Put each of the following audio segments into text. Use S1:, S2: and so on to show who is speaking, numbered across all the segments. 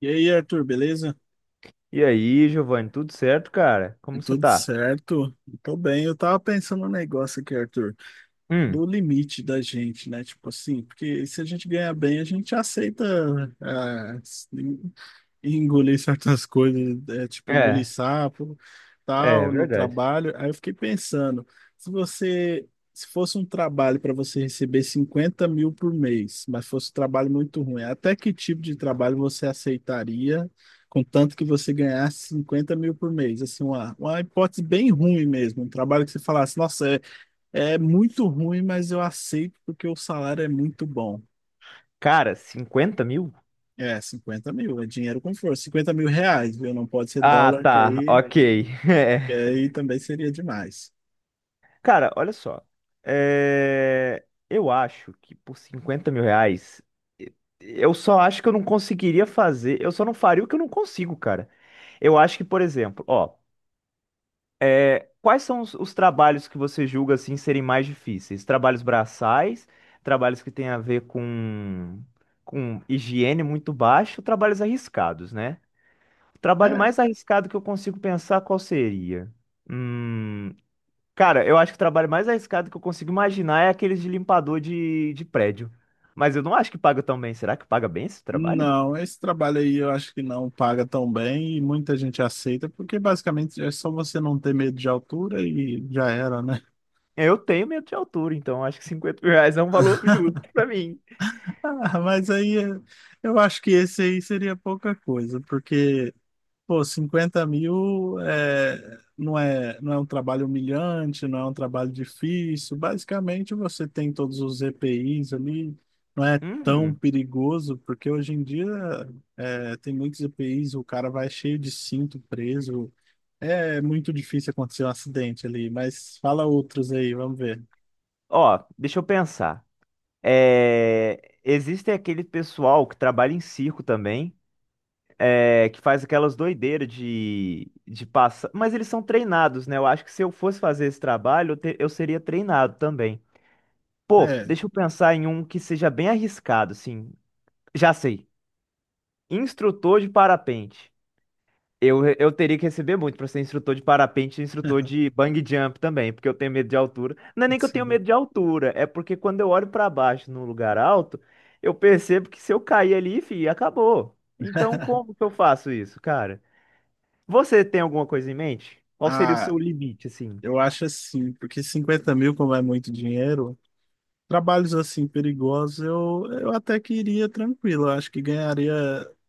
S1: E aí, Arthur, beleza?
S2: E aí, Giovanni, tudo certo, cara? Como você
S1: Tudo
S2: tá?
S1: certo? Tô bem. Eu tava pensando no negócio aqui, Arthur,
S2: Hum,
S1: do limite da gente, né? Tipo assim, porque se a gente ganhar bem, a gente aceita ah, e engolir certas coisas, é, tipo engolir
S2: é,
S1: sapo,
S2: é
S1: tal, no
S2: verdade.
S1: trabalho. Aí eu fiquei pensando, se você, se fosse um trabalho para você receber 50 mil por mês, mas fosse um trabalho muito ruim, até que tipo de trabalho você aceitaria, contanto que você ganhasse 50 mil por mês? Assim, uma hipótese bem ruim mesmo, um trabalho que você falasse, nossa, é, é muito ruim, mas eu aceito porque o salário é muito bom.
S2: Cara, 50 mil?
S1: É, 50 mil, é dinheiro com força. 50 mil reais, viu? Não pode ser
S2: Ah,
S1: dólar,
S2: tá, ok.
S1: que
S2: É.
S1: aí também seria demais.
S2: Cara, olha só. É, eu acho que por 50 mil reais, e- eu só acho que eu não conseguiria fazer. Eu só não faria o que eu não consigo, cara. Eu acho que, por exemplo, ó, é, quais são os trabalhos que você julga assim serem mais difíceis? Trabalhos braçais, trabalhos que têm a ver com higiene muito baixa, trabalhos arriscados, né? O trabalho
S1: É,
S2: mais arriscado que eu consigo pensar qual seria? Hum, cara, eu acho que o trabalho mais arriscado que eu consigo imaginar é aqueles de limpador de prédio. Mas eu não acho que paga tão bem. Será que paga bem esse trabalho?
S1: não, esse trabalho aí eu acho que não paga tão bem e muita gente aceita, porque basicamente é só você não ter medo de altura e já era, né?
S2: Eu tenho medo de altura, então acho que 50 mil reais é um valor justo pra mim.
S1: Mas aí eu acho que esse aí seria pouca coisa, porque Pô, 50 mil é, não é um trabalho humilhante, não é um trabalho difícil. Basicamente, você tem todos os EPIs ali, não é tão
S2: Hum.
S1: perigoso, porque hoje em dia é, tem muitos EPIs, o cara vai cheio de cinto preso. É muito difícil acontecer um acidente ali, mas fala outros aí, vamos ver.
S2: Ó, deixa eu pensar. É, existe aquele pessoal que trabalha em circo também, é, que faz aquelas doideiras de passar. Mas eles são treinados, né? Eu acho que se eu fosse fazer esse trabalho, eu seria treinado também. Pô,
S1: É.
S2: deixa eu pensar em um que seja bem arriscado, assim. Já sei. Instrutor de parapente. Eu teria que receber muito pra ser instrutor de parapente e instrutor de bungee jump também, porque eu tenho medo de altura. Não é nem que eu tenho medo de altura, é porque quando eu olho pra baixo num lugar alto, eu percebo que se eu cair ali, fi, acabou. Então, como que eu faço isso, cara? Você tem alguma coisa em mente? Qual seria o
S1: Ah,
S2: seu limite, assim?
S1: eu acho assim, porque 50 mil, como é muito dinheiro, trabalhos assim perigosos, eu até que iria tranquilo. Eu acho que ganharia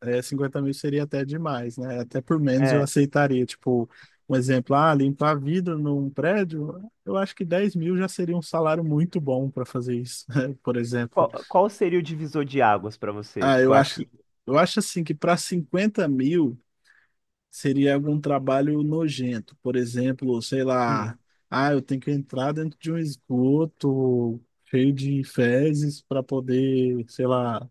S1: 50 mil seria até demais, né? Até por menos eu
S2: É,
S1: aceitaria. Tipo, um exemplo, ah, limpar vidro num prédio, eu acho que 10 mil já seria um salário muito bom para fazer isso, né? Por exemplo.
S2: qual seria o divisor de águas pra você?
S1: Ah,
S2: Tipo,
S1: eu acho,
S2: aqui.
S1: eu acho assim que para 50 mil seria algum trabalho nojento, por exemplo, sei
S2: Hum.
S1: lá, ah, eu tenho que entrar dentro de um esgoto cheio de fezes para poder, sei lá,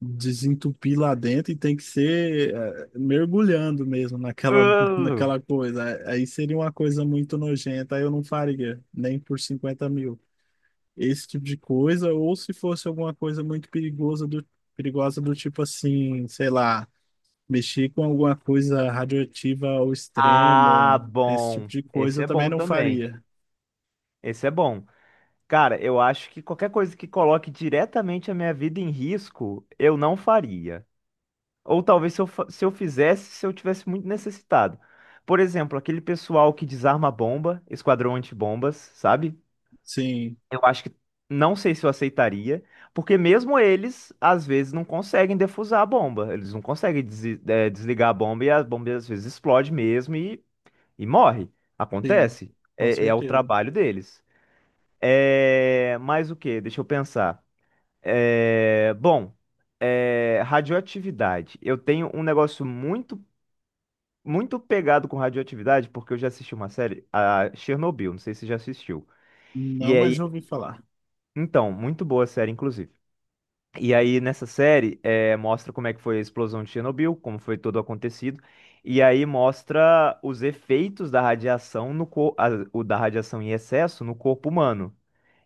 S1: desentupir lá dentro e tem que ser mergulhando mesmo naquela
S2: Uh!
S1: naquela coisa. Aí seria uma coisa muito nojenta, aí eu não faria, nem por 50 mil. Esse tipo de coisa, ou se fosse alguma coisa muito perigosa do tipo assim, sei lá, mexer com alguma coisa radioativa ao
S2: Ah,
S1: extremo, esse tipo
S2: bom.
S1: de coisa
S2: Esse
S1: eu
S2: é
S1: também
S2: bom
S1: não
S2: também.
S1: faria.
S2: Esse é bom. Cara, eu acho que qualquer coisa que coloque diretamente a minha vida em risco, eu não faria. Ou talvez se eu fizesse, se eu tivesse muito necessitado. Por exemplo, aquele pessoal que desarma a bomba, esquadrão antibombas, sabe?
S1: Sim,
S2: Eu acho que não sei se eu aceitaria, porque mesmo eles, às vezes, não conseguem defusar a bomba. Eles não conseguem desligar a bomba e a bomba às vezes explode mesmo e morre.
S1: sim,
S2: Acontece.
S1: com
S2: É, é o
S1: certeza.
S2: trabalho deles. É... Mas o quê? Deixa eu pensar. É, bom, é, radioatividade. Eu tenho um negócio muito, muito pegado com radioatividade, porque eu já assisti uma série, a Chernobyl, não sei se você já assistiu. E
S1: Não,
S2: aí,
S1: mas eu ouvi falar.
S2: então, muito boa a série, inclusive. E aí, nessa série, é, mostra como é que foi a explosão de Chernobyl, como foi todo acontecido. E aí mostra os efeitos da radiação no cor... o da radiação em excesso no corpo humano.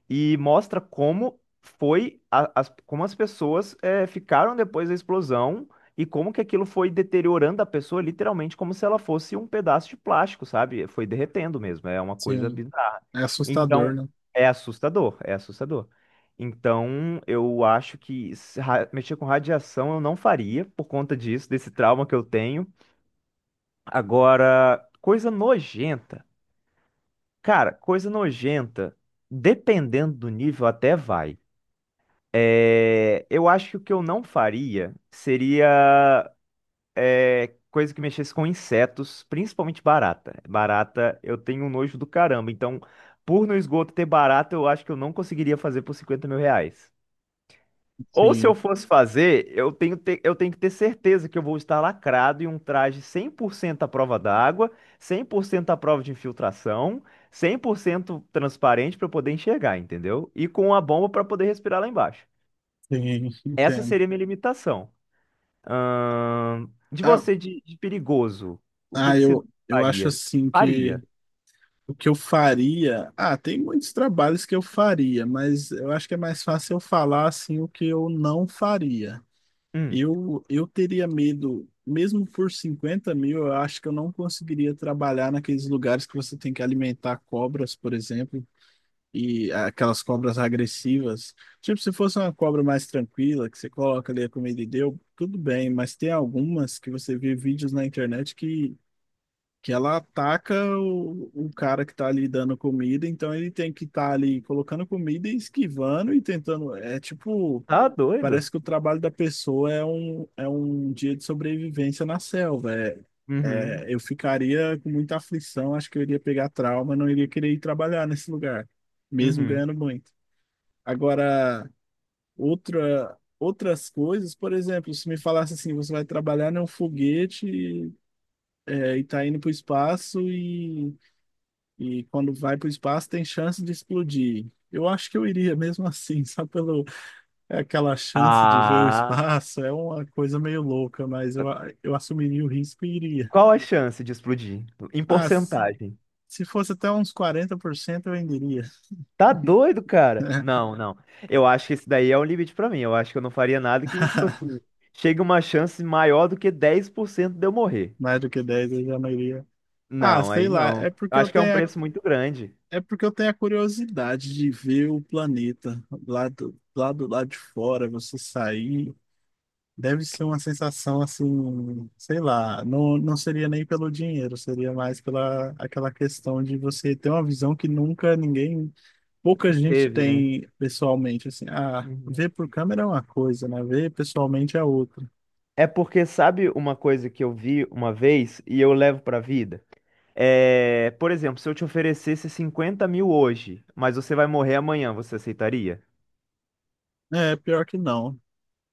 S2: E mostra como foi como as pessoas ficaram depois da explosão e como que aquilo foi deteriorando a pessoa literalmente como se ela fosse um pedaço de plástico, sabe? Foi derretendo mesmo, é uma coisa
S1: Sim,
S2: bizarra.
S1: é assustador,
S2: Então,
S1: né?
S2: é assustador, é assustador. Então, eu acho que mexer com radiação eu não faria por conta disso, desse trauma que eu tenho. Agora, coisa nojenta. Cara, coisa nojenta, dependendo do nível, até vai. É, eu acho que o que eu não faria seria é, coisa que mexesse com insetos, principalmente barata. Barata, eu tenho um nojo do caramba. Então, por no esgoto ter barata, eu acho que eu não conseguiria fazer por 50 mil reais. Ou se eu
S1: Sim,
S2: fosse fazer, eu tenho que ter certeza que eu vou estar lacrado em um traje 100% à prova d'água, 100% à prova de infiltração, 100% transparente para eu poder enxergar, entendeu? E com a bomba para poder respirar lá embaixo.
S1: sim,
S2: Essa
S1: entendo.
S2: seria a minha limitação. De
S1: Ah,
S2: você, de perigoso, o que que você
S1: eu acho
S2: faria?
S1: assim que
S2: Faria.
S1: o que eu faria. Ah, tem muitos trabalhos que eu faria, mas eu acho que é mais fácil eu falar assim o que eu não faria.
S2: Hum,
S1: Eu teria medo, mesmo por 50 mil, eu acho que eu não conseguiria trabalhar naqueles lugares que você tem que alimentar cobras, por exemplo, e aquelas cobras agressivas. Tipo, se fosse uma cobra mais tranquila, que você coloca ali a comida e deu, tudo bem, mas tem algumas que você vê vídeos na internet que ela ataca o cara que tá ali dando comida, então ele tem que estar ali colocando comida e esquivando e tentando. É tipo.
S2: tá doido?
S1: Parece que o trabalho da pessoa é é um dia de sobrevivência na selva.
S2: Uhum,
S1: Eu ficaria com muita aflição, acho que eu iria pegar trauma, não iria querer ir trabalhar nesse lugar, mesmo
S2: uhum.
S1: ganhando muito. Agora, outras coisas, por exemplo, se me falasse assim, você vai trabalhar num foguete e tá indo para o espaço, e quando vai para o espaço tem chance de explodir. Eu acho que eu iria mesmo assim, só pelo, é aquela chance de ver o
S2: Ah,
S1: espaço, é uma coisa meio louca, eu assumiria o risco e iria.
S2: qual a chance de explodir? Em
S1: Ah, s-
S2: porcentagem.
S1: Se fosse até uns 40% eu ainda iria.
S2: Tá doido, cara? Não, não. Eu acho que esse daí é um limite pra mim. Eu acho que eu não faria nada que, tipo assim, chegue uma chance maior do que 10% de eu morrer.
S1: Mais do que 10 eu já não iria. Ah,
S2: Não,
S1: sei
S2: aí
S1: lá, é
S2: não. Eu
S1: porque eu
S2: acho que é um
S1: tenho a,
S2: preço muito grande.
S1: é porque eu tenho a curiosidade de ver o planeta lá do lado de fora, você sair. Deve ser uma sensação assim, sei lá, não seria nem pelo dinheiro, seria mais pela aquela questão de você ter uma visão que nunca ninguém, pouca gente
S2: Teve, né?
S1: tem pessoalmente, assim, ah,
S2: Uhum.
S1: ver por câmera é uma coisa, né? Ver pessoalmente é outra.
S2: É porque sabe uma coisa que eu vi uma vez e eu levo pra vida? É, por exemplo, se eu te oferecesse 50 mil hoje, mas você vai morrer amanhã, você aceitaria?
S1: É, pior que não.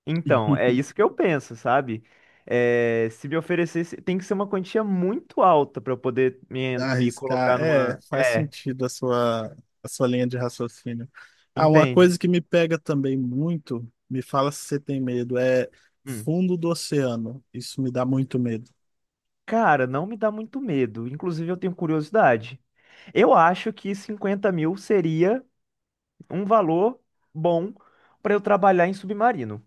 S2: Então, é isso que eu penso, sabe? É, se me oferecesse, tem que ser uma quantia muito alta pra eu poder me
S1: Arriscar,
S2: colocar
S1: é,
S2: numa.
S1: faz
S2: É,
S1: sentido a sua linha de raciocínio. Ah, uma
S2: entende?
S1: coisa que me pega também muito, me fala se você tem medo, é
S2: Hum.
S1: fundo do oceano. Isso me dá muito medo.
S2: Cara, não me dá muito medo. Inclusive, eu tenho curiosidade. Eu acho que 50 mil seria um valor bom pra eu trabalhar em submarino.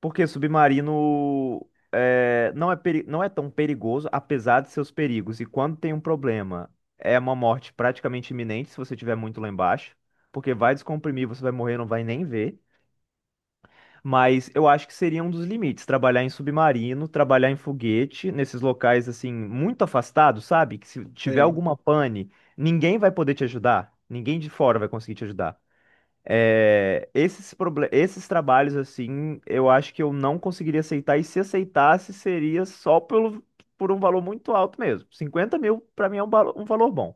S2: Porque submarino é, não é, não é tão perigoso, apesar de seus perigos. E quando tem um problema, é uma morte praticamente iminente se você estiver muito lá embaixo. Porque vai descomprimir, você vai morrer, não vai nem ver. Mas eu acho que seria um dos limites, trabalhar em submarino, trabalhar em foguete, nesses locais assim, muito afastados, sabe? Que se tiver
S1: Sei.
S2: alguma pane, ninguém vai poder te ajudar. Ninguém de fora vai conseguir te ajudar. É, esses trabalhos, assim, eu acho que eu não conseguiria aceitar, e se aceitasse, seria só pelo, por um valor muito alto mesmo. 50 mil, pra mim, é um valor bom.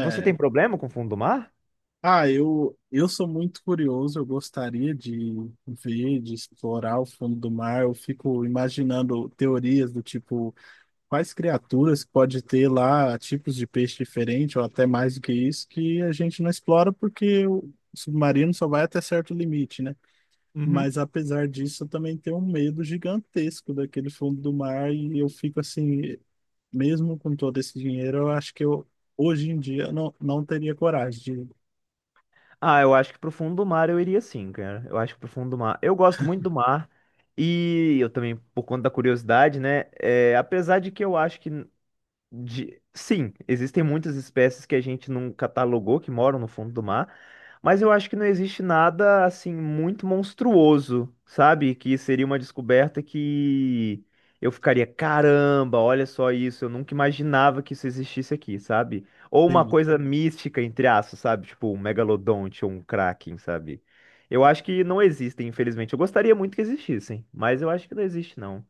S2: Você tem problema com o fundo do mar?
S1: Eu sou muito curioso, eu gostaria de ver, de explorar o fundo do mar. Eu fico imaginando teorias do tipo, quais criaturas pode ter lá, tipos de peixe diferente, ou até mais do que isso, que a gente não explora porque o submarino só vai até certo limite, né?
S2: Uhum.
S1: Mas apesar disso, eu também tenho um medo gigantesco daquele fundo do mar e eu fico assim, mesmo com todo esse dinheiro, eu acho que eu hoje em dia não, não teria coragem de.
S2: Ah, eu acho que pro fundo do mar eu iria sim, cara. Eu acho que pro fundo do mar. Eu gosto muito do mar. E eu também, por conta da curiosidade, né? É, apesar de que eu acho que. De... Sim, existem muitas espécies que a gente não catalogou, que moram no fundo do mar, mas eu acho que não existe nada assim muito monstruoso, sabe? Que seria uma descoberta que eu ficaria, caramba, olha só isso, eu nunca imaginava que isso existisse aqui, sabe? Ou uma
S1: Sim.
S2: coisa mística, entre aspas, sabe? Tipo um megalodonte ou um kraken, sabe? Eu acho que não existem, infelizmente. Eu gostaria muito que existissem, mas eu acho que não existe, não.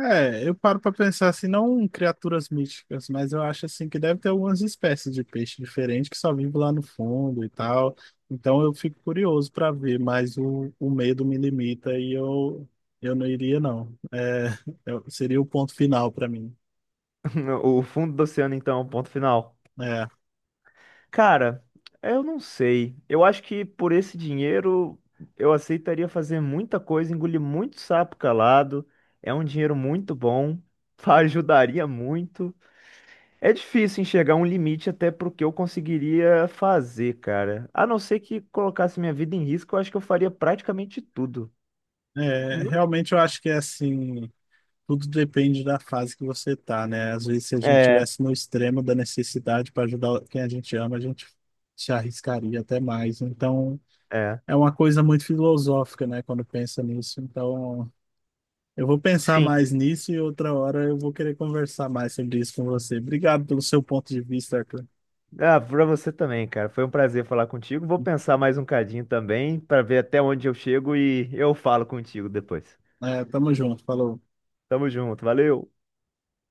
S1: É, eu paro pra pensar assim, não criaturas míticas, mas eu acho assim que deve ter algumas espécies de peixe diferente que só vive lá no fundo e tal. Então eu fico curioso pra ver, mas o medo me limita eu não iria não. É, eu seria o ponto final pra mim.
S2: O fundo do oceano, então, é o ponto final.
S1: É,
S2: Cara, eu não sei. Eu acho que por esse dinheiro eu aceitaria fazer muita coisa, engolir muito sapo calado. É um dinheiro muito bom, ajudaria muito. É difícil enxergar um limite até pro que eu conseguiria fazer, cara. A não ser que colocasse minha vida em risco, eu acho que eu faria praticamente tudo. Hum?
S1: realmente eu acho que é assim, tudo depende da fase que você tá, né? Às vezes se a gente
S2: É,
S1: tivesse no extremo da necessidade para ajudar quem a gente ama, a gente se arriscaria até mais. Então
S2: é.
S1: é uma coisa muito filosófica, né, quando pensa nisso. Então, eu vou pensar
S2: Sim.
S1: mais nisso e outra hora eu vou querer conversar mais sobre isso com você. Obrigado pelo seu ponto de vista, Arthur.
S2: Ah, pra você também, cara. Foi um prazer falar contigo. Vou pensar mais um cadinho também, pra ver até onde eu chego e eu falo contigo depois.
S1: É, tamo junto, falou.
S2: Tamo junto, valeu!